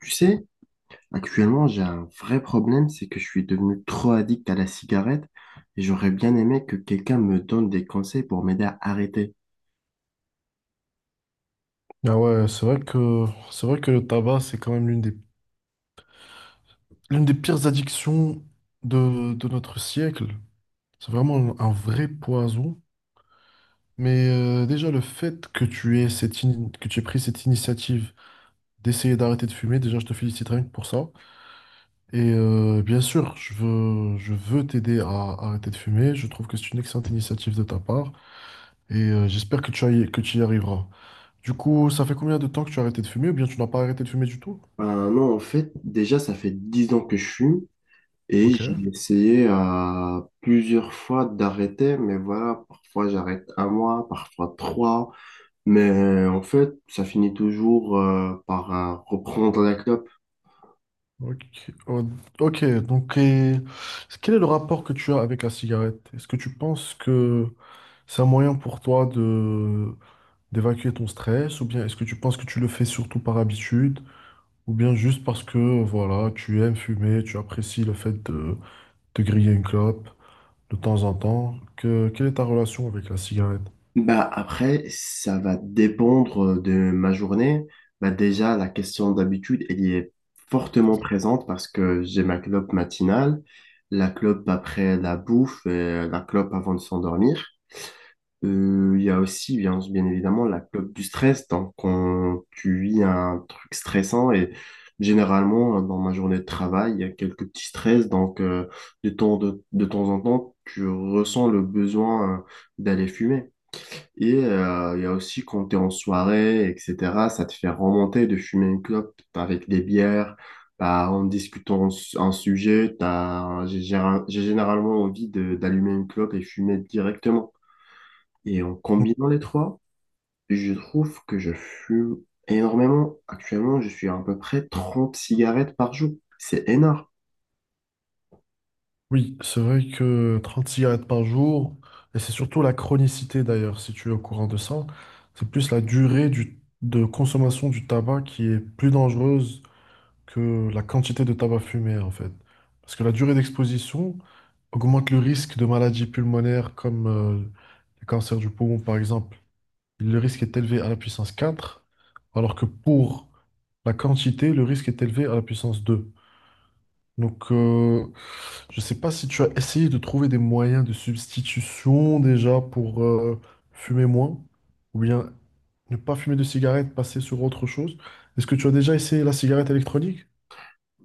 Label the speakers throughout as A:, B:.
A: Tu sais, actuellement, j'ai un vrai problème, c'est que je suis devenu trop addict à la cigarette et j'aurais bien aimé que quelqu'un me donne des conseils pour m'aider à arrêter.
B: Ah ouais, c'est vrai que le tabac, c'est quand même l'une des pires addictions de notre siècle. C'est vraiment un vrai poison. Mais déjà le fait que tu aies que tu aies pris cette initiative d'essayer d'arrêter de fumer, déjà je te félicite rien que pour ça. Et bien sûr, je veux t'aider à arrêter de fumer. Je trouve que c'est une excellente initiative de ta part et j'espère que tu y arriveras. Du coup, ça fait combien de temps que tu as arrêté de fumer ou bien tu n'as pas arrêté de fumer du tout?
A: Ben non, en fait, déjà, ça fait 10 ans que je fume et j'ai
B: Ok.
A: essayé plusieurs fois d'arrêter, mais voilà, parfois j'arrête un mois, parfois trois, mais en fait, ça finit toujours par reprendre la clope.
B: Ok. Oh, ok. Donc et quel est le rapport que tu as avec la cigarette? Est-ce que tu penses que c'est un moyen pour toi de d'évacuer ton stress, ou bien est-ce que tu penses que tu le fais surtout par habitude, ou bien juste parce que voilà, tu aimes fumer, tu apprécies le fait de griller une clope de temps en temps? Quelle est ta relation avec la cigarette?
A: Bah après, ça va dépendre de ma journée. Bah déjà, la question d'habitude, elle y est fortement présente parce que j'ai ma clope matinale, la clope après la bouffe et la clope avant de s'endormir. Il y a aussi, bien, bien évidemment, la clope du stress. Donc, quand tu vis un truc stressant et généralement, dans ma journée de travail, il y a quelques petits stress. Donc, de temps, de temps en temps, tu ressens le besoin d'aller fumer. Et il y a aussi quand tu es en soirée, etc., ça te fait remonter de fumer une clope avec des bières, bah, en discutant un sujet, j'ai j'ai généralement envie d'allumer une clope et fumer directement. Et en combinant les trois, je trouve que je fume énormément. Actuellement, je suis à peu près 30 cigarettes par jour. C'est énorme.
B: Oui, c'est vrai que 30 cigarettes par jour, et c'est surtout la chronicité d'ailleurs, si tu es au courant de ça, c'est plus la durée de consommation du tabac qui est plus dangereuse que la quantité de tabac fumé en fait. Parce que la durée d'exposition augmente le risque de maladies pulmonaires comme le cancer du poumon par exemple. Le risque est élevé à la puissance 4, alors que pour la quantité, le risque est élevé à la puissance 2. Donc, je sais pas si tu as essayé de trouver des moyens de substitution déjà pour fumer moins, ou bien ne pas fumer de cigarette, passer sur autre chose. Est-ce que tu as déjà essayé la cigarette électronique?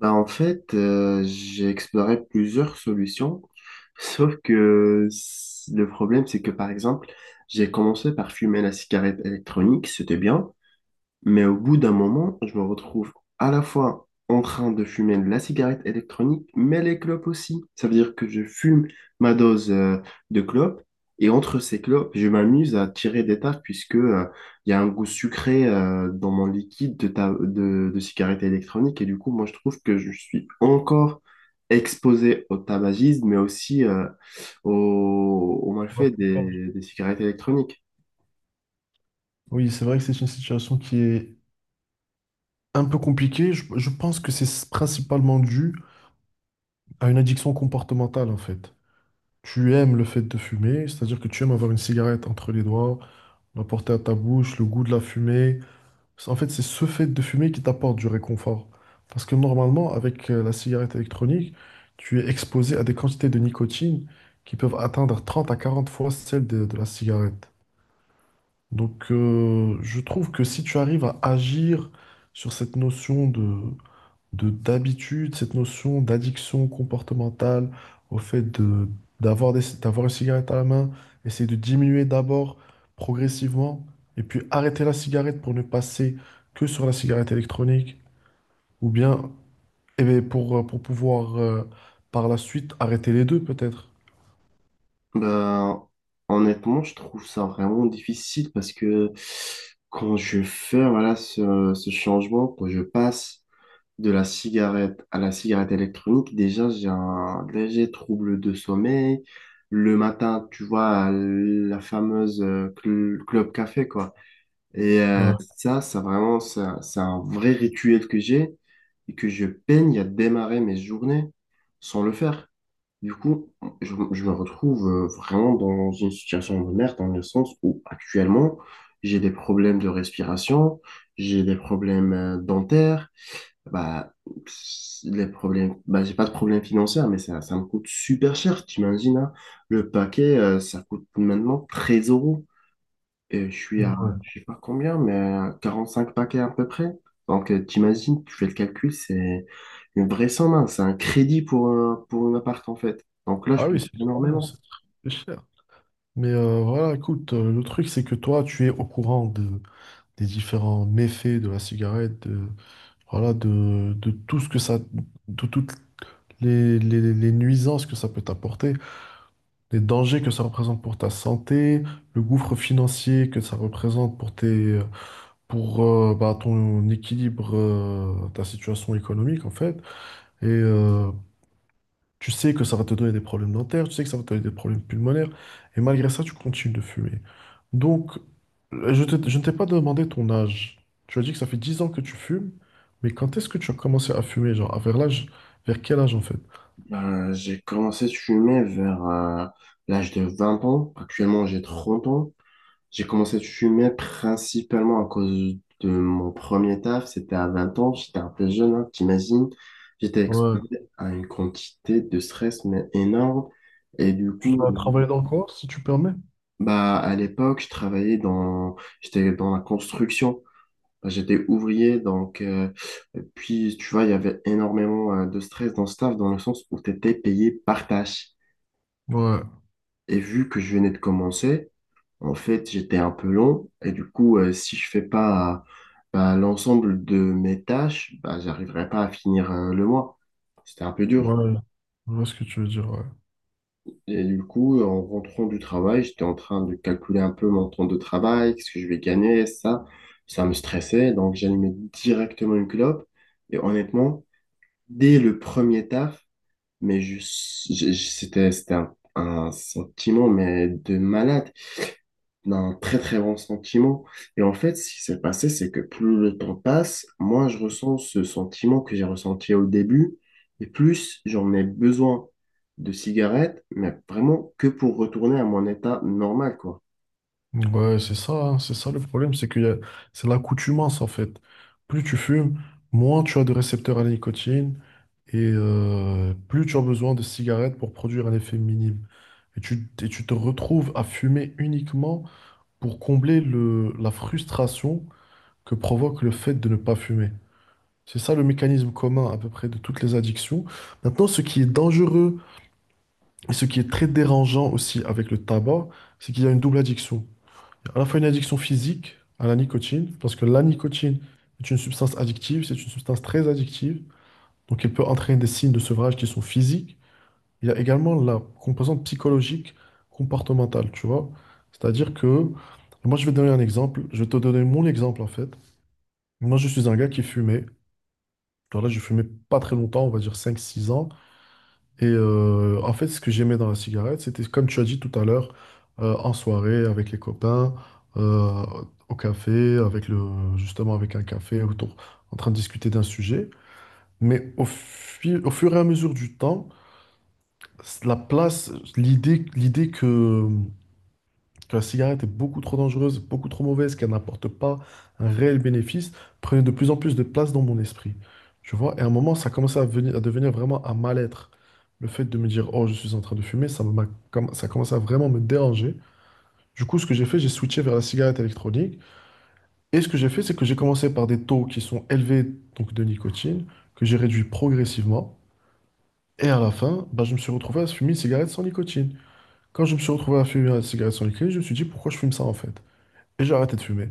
A: Bah, en fait, j'ai exploré plusieurs solutions, sauf que le problème, c'est que par exemple, j'ai commencé par fumer la cigarette électronique, c'était bien, mais au bout d'un moment, je me retrouve à la fois en train de fumer la cigarette électronique, mais les clopes aussi. Ça veut dire que je fume ma dose de clopes et entre ces clopes, je m'amuse à tirer des taffes puisque il y a un goût sucré dans mon liquide de, de cigarette électronique. Et du coup, moi, je trouve que je suis encore exposé au tabagisme, mais aussi au, au
B: Ouais,
A: malfait
B: pourquoi
A: des cigarettes électroniques.
B: Oui, c'est vrai que c'est une situation qui est un peu compliquée. Je pense que c'est principalement dû à une addiction comportementale, en fait. Tu aimes le fait de fumer, c'est-à-dire que tu aimes avoir une cigarette entre les doigts, la porter à ta bouche, le goût de la fumée. En fait, c'est ce fait de fumer qui t'apporte du réconfort. Parce que normalement, avec la cigarette électronique, tu es exposé à des quantités de nicotine qui peuvent atteindre 30 à 40 fois celles de la cigarette. Donc, je trouve que si tu arrives à agir sur cette notion de d'habitude, cette notion d'addiction comportementale au fait de d'avoir une cigarette à la main, essayer de diminuer d'abord progressivement et puis arrêter la cigarette pour ne passer que sur la cigarette électronique ou bien eh bien, pour pouvoir par la suite arrêter les deux peut-être.
A: Ben, honnêtement, je trouve ça vraiment difficile parce que quand je fais voilà, ce changement, quand je passe de la cigarette à la cigarette électronique, déjà j'ai un léger trouble de sommeil. Le matin, tu vois, la fameuse club café, quoi. Et
B: Ouais.
A: c'est un vrai rituel que j'ai et que je peine à démarrer mes journées sans le faire. Du coup, je me retrouve vraiment dans une situation de merde, dans le sens où actuellement, j'ai des problèmes de respiration, j'ai des problèmes dentaires, bah, pss, les problèmes, bah, j'ai pas de problème financier, mais ça me coûte super cher, t'imagines, hein? Le paquet, ça coûte maintenant 13 euros. Et je suis à,
B: Ouais.
A: je sais pas combien, mais à 5 paquets à peu près. Donc, t'imagines, tu fais le calcul, c'est une vraie somme, hein. C'est un crédit pour un appart, en fait. Donc là, je
B: Ah oui,
A: paye
B: c'est
A: énormément.
B: très cher. Mais voilà, écoute, le truc c'est que toi, tu es au courant des différents méfaits de la cigarette, de, voilà, de tout ce que ça, de toutes les, les nuisances que ça peut t'apporter, les dangers que ça représente pour ta santé, le gouffre financier que ça représente pour tes, pour bah, ton équilibre, ta situation économique en fait, et tu sais que ça va te donner des problèmes dentaires, tu sais que ça va te donner des problèmes pulmonaires, et malgré ça, tu continues de fumer. Donc, je ne t'ai pas demandé ton âge. Tu as dit que ça fait 10 ans que tu fumes, mais quand est-ce que tu as commencé à fumer, genre, à vers l'âge, vers quel âge en fait?
A: Ben, j'ai commencé à fumer vers l'âge de 20 ans. Actuellement, j'ai 30 ans. J'ai commencé à fumer principalement à cause de mon premier taf. C'était à 20 ans. J'étais un peu jeune, hein, t'imagines. J'étais
B: Ouais.
A: exposé à une quantité de stress, mais énorme. Et du
B: Tu
A: coup,
B: dois travailler dans le corps, si tu permets?
A: bah, à l'époque, je travaillais dans, j'étais dans la construction. Bah, j'étais ouvrier, donc, et puis, tu vois, il y avait énormément de stress dans ce taf, dans le sens où tu étais payé par tâche.
B: Ouais,
A: Et vu que je venais de commencer, en fait, j'étais un peu long, et du coup, si je fais pas bah, l'ensemble de mes tâches, bah, j'arriverai pas à finir le mois. C'était un peu dur.
B: ouais, je vois ce que tu veux dire, ouais.
A: Et du coup, en rentrant du travail, j'étais en train de calculer un peu mon temps de travail, qu'est-ce que je vais gagner, ça. Ça me stressait, donc j'allumais directement une clope. Et honnêtement, dès le premier taf, mais c'était, c'était un sentiment mais de malade d'un très très bon sentiment. Et en fait, ce qui s'est passé, c'est que plus le temps passe, moins je ressens ce sentiment que j'ai ressenti au début, et plus j'en ai besoin de cigarettes, mais vraiment que pour retourner à mon état normal, quoi.
B: Ouais, c'est ça, hein, c'est ça le problème, c'est qu'il y a, c'est l'accoutumance en fait. Plus tu fumes, moins tu as de récepteurs à la nicotine, et plus tu as besoin de cigarettes pour produire un effet minime. Et tu te retrouves à fumer uniquement pour combler la frustration que provoque le fait de ne pas fumer. C'est ça le mécanisme commun à peu près de toutes les addictions. Maintenant, ce qui est dangereux et ce qui est très dérangeant aussi avec le tabac, c'est qu'il y a une double addiction. À la fois une addiction physique à la nicotine, parce que la nicotine est une substance addictive, c'est une substance très addictive, donc elle peut entraîner des signes de sevrage qui sont physiques. Il y a également la composante psychologique comportementale, tu vois. C'est-à-dire que, moi je vais te donner un exemple, je vais te donner mon exemple en fait. Moi je suis un gars qui fumait, alors là je fumais pas très longtemps, on va dire cinq six ans. Et en fait ce que j'aimais dans la cigarette, c'était comme tu as dit tout à l'heure, en soirée avec les copains, euh, au café, justement avec un café, autour, en train de discuter d'un sujet. Mais au fur et à mesure du temps, la place, l'idée que la cigarette est beaucoup trop dangereuse, beaucoup trop mauvaise, qu'elle n'apporte pas un réel bénéfice, prenait de plus en plus de place dans mon esprit. Tu vois, et à un moment, ça commençait à, venir- à devenir vraiment un mal-être. Le fait de me dire, oh, je suis en train de fumer, ça commençait à vraiment me déranger. Du coup, ce que j'ai fait, j'ai switché vers la cigarette électronique. Et ce que j'ai fait, c'est que j'ai commencé par des taux qui sont élevés donc de nicotine, que j'ai réduit progressivement. Et à la fin, bah, je me suis retrouvé à fumer une cigarette sans nicotine. Quand je me suis retrouvé à fumer une cigarette sans nicotine, je me suis dit, pourquoi je fume ça en fait? Et j'ai arrêté de fumer.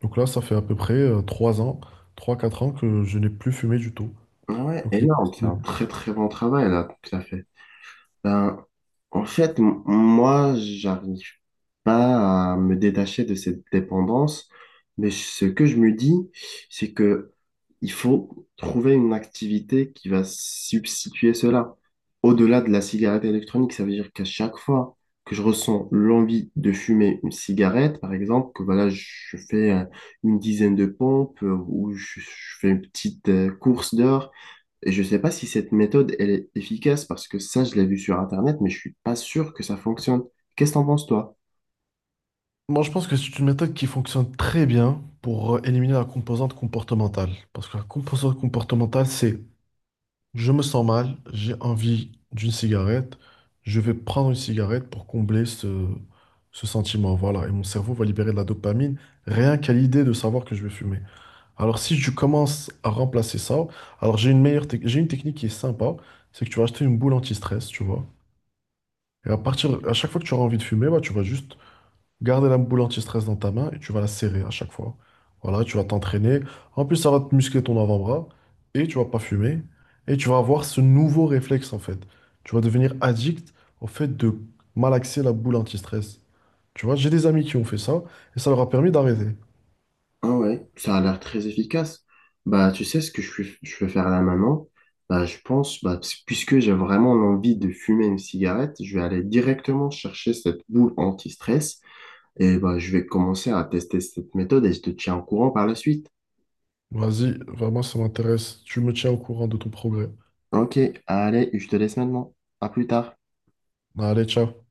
B: Donc là, ça fait à peu près trois ans, trois quatre ans que je n'ai plus fumé du tout.
A: Ah ouais,
B: Donc,
A: énorme, c'est un très très bon travail là. Ça fait ben, en fait, moi, j'arrive pas à me détacher de cette dépendance, mais ce que je me dis, c'est que il faut trouver une activité qui va substituer cela. Au-delà de la cigarette électronique, ça veut dire qu'à chaque fois que je ressens l'envie de fumer une cigarette, par exemple, que voilà, je fais une dizaine de pompes ou je fais une petite course dehors, et je ne sais pas si cette méthode, elle est efficace parce que ça, je l'ai vu sur Internet, mais je suis pas sûr que ça fonctionne. Qu'est-ce que t'en penses, toi?
B: moi, je pense que c'est une méthode qui fonctionne très bien pour éliminer la composante comportementale. Parce que la composante comportementale, c'est je me sens mal, j'ai envie d'une cigarette, je vais prendre une cigarette pour combler ce sentiment. Voilà. Et mon cerveau va libérer de la dopamine rien qu'à l'idée de savoir que je vais fumer. Alors, si je commence à remplacer ça, alors j'ai une technique qui est sympa, c'est que tu vas acheter une boule anti-stress, tu vois. À chaque fois que tu auras envie de fumer, bah, tu vas juste garder la boule anti-stress dans ta main et tu vas la serrer à chaque fois. Voilà, tu vas t'entraîner. En plus, ça va te muscler ton avant-bras et tu vas pas fumer. Et tu vas avoir ce nouveau réflexe en fait. Tu vas devenir addict au fait de malaxer la boule anti-stress. Tu vois, j'ai des amis qui ont fait ça et ça leur a permis d'arrêter.
A: Ah ouais, ça a l'air très efficace. Bah, tu sais ce que je vais faire là maintenant? Bah, je pense, bah, puisque j'ai vraiment envie de fumer une cigarette, je vais aller directement chercher cette boule anti-stress et bah, je vais commencer à tester cette méthode et je te tiens au courant par la suite.
B: Vas-y, vraiment, ça m'intéresse. Tu me tiens au courant de ton progrès.
A: Ok, allez, je te laisse maintenant. À plus tard.
B: Allez, ciao.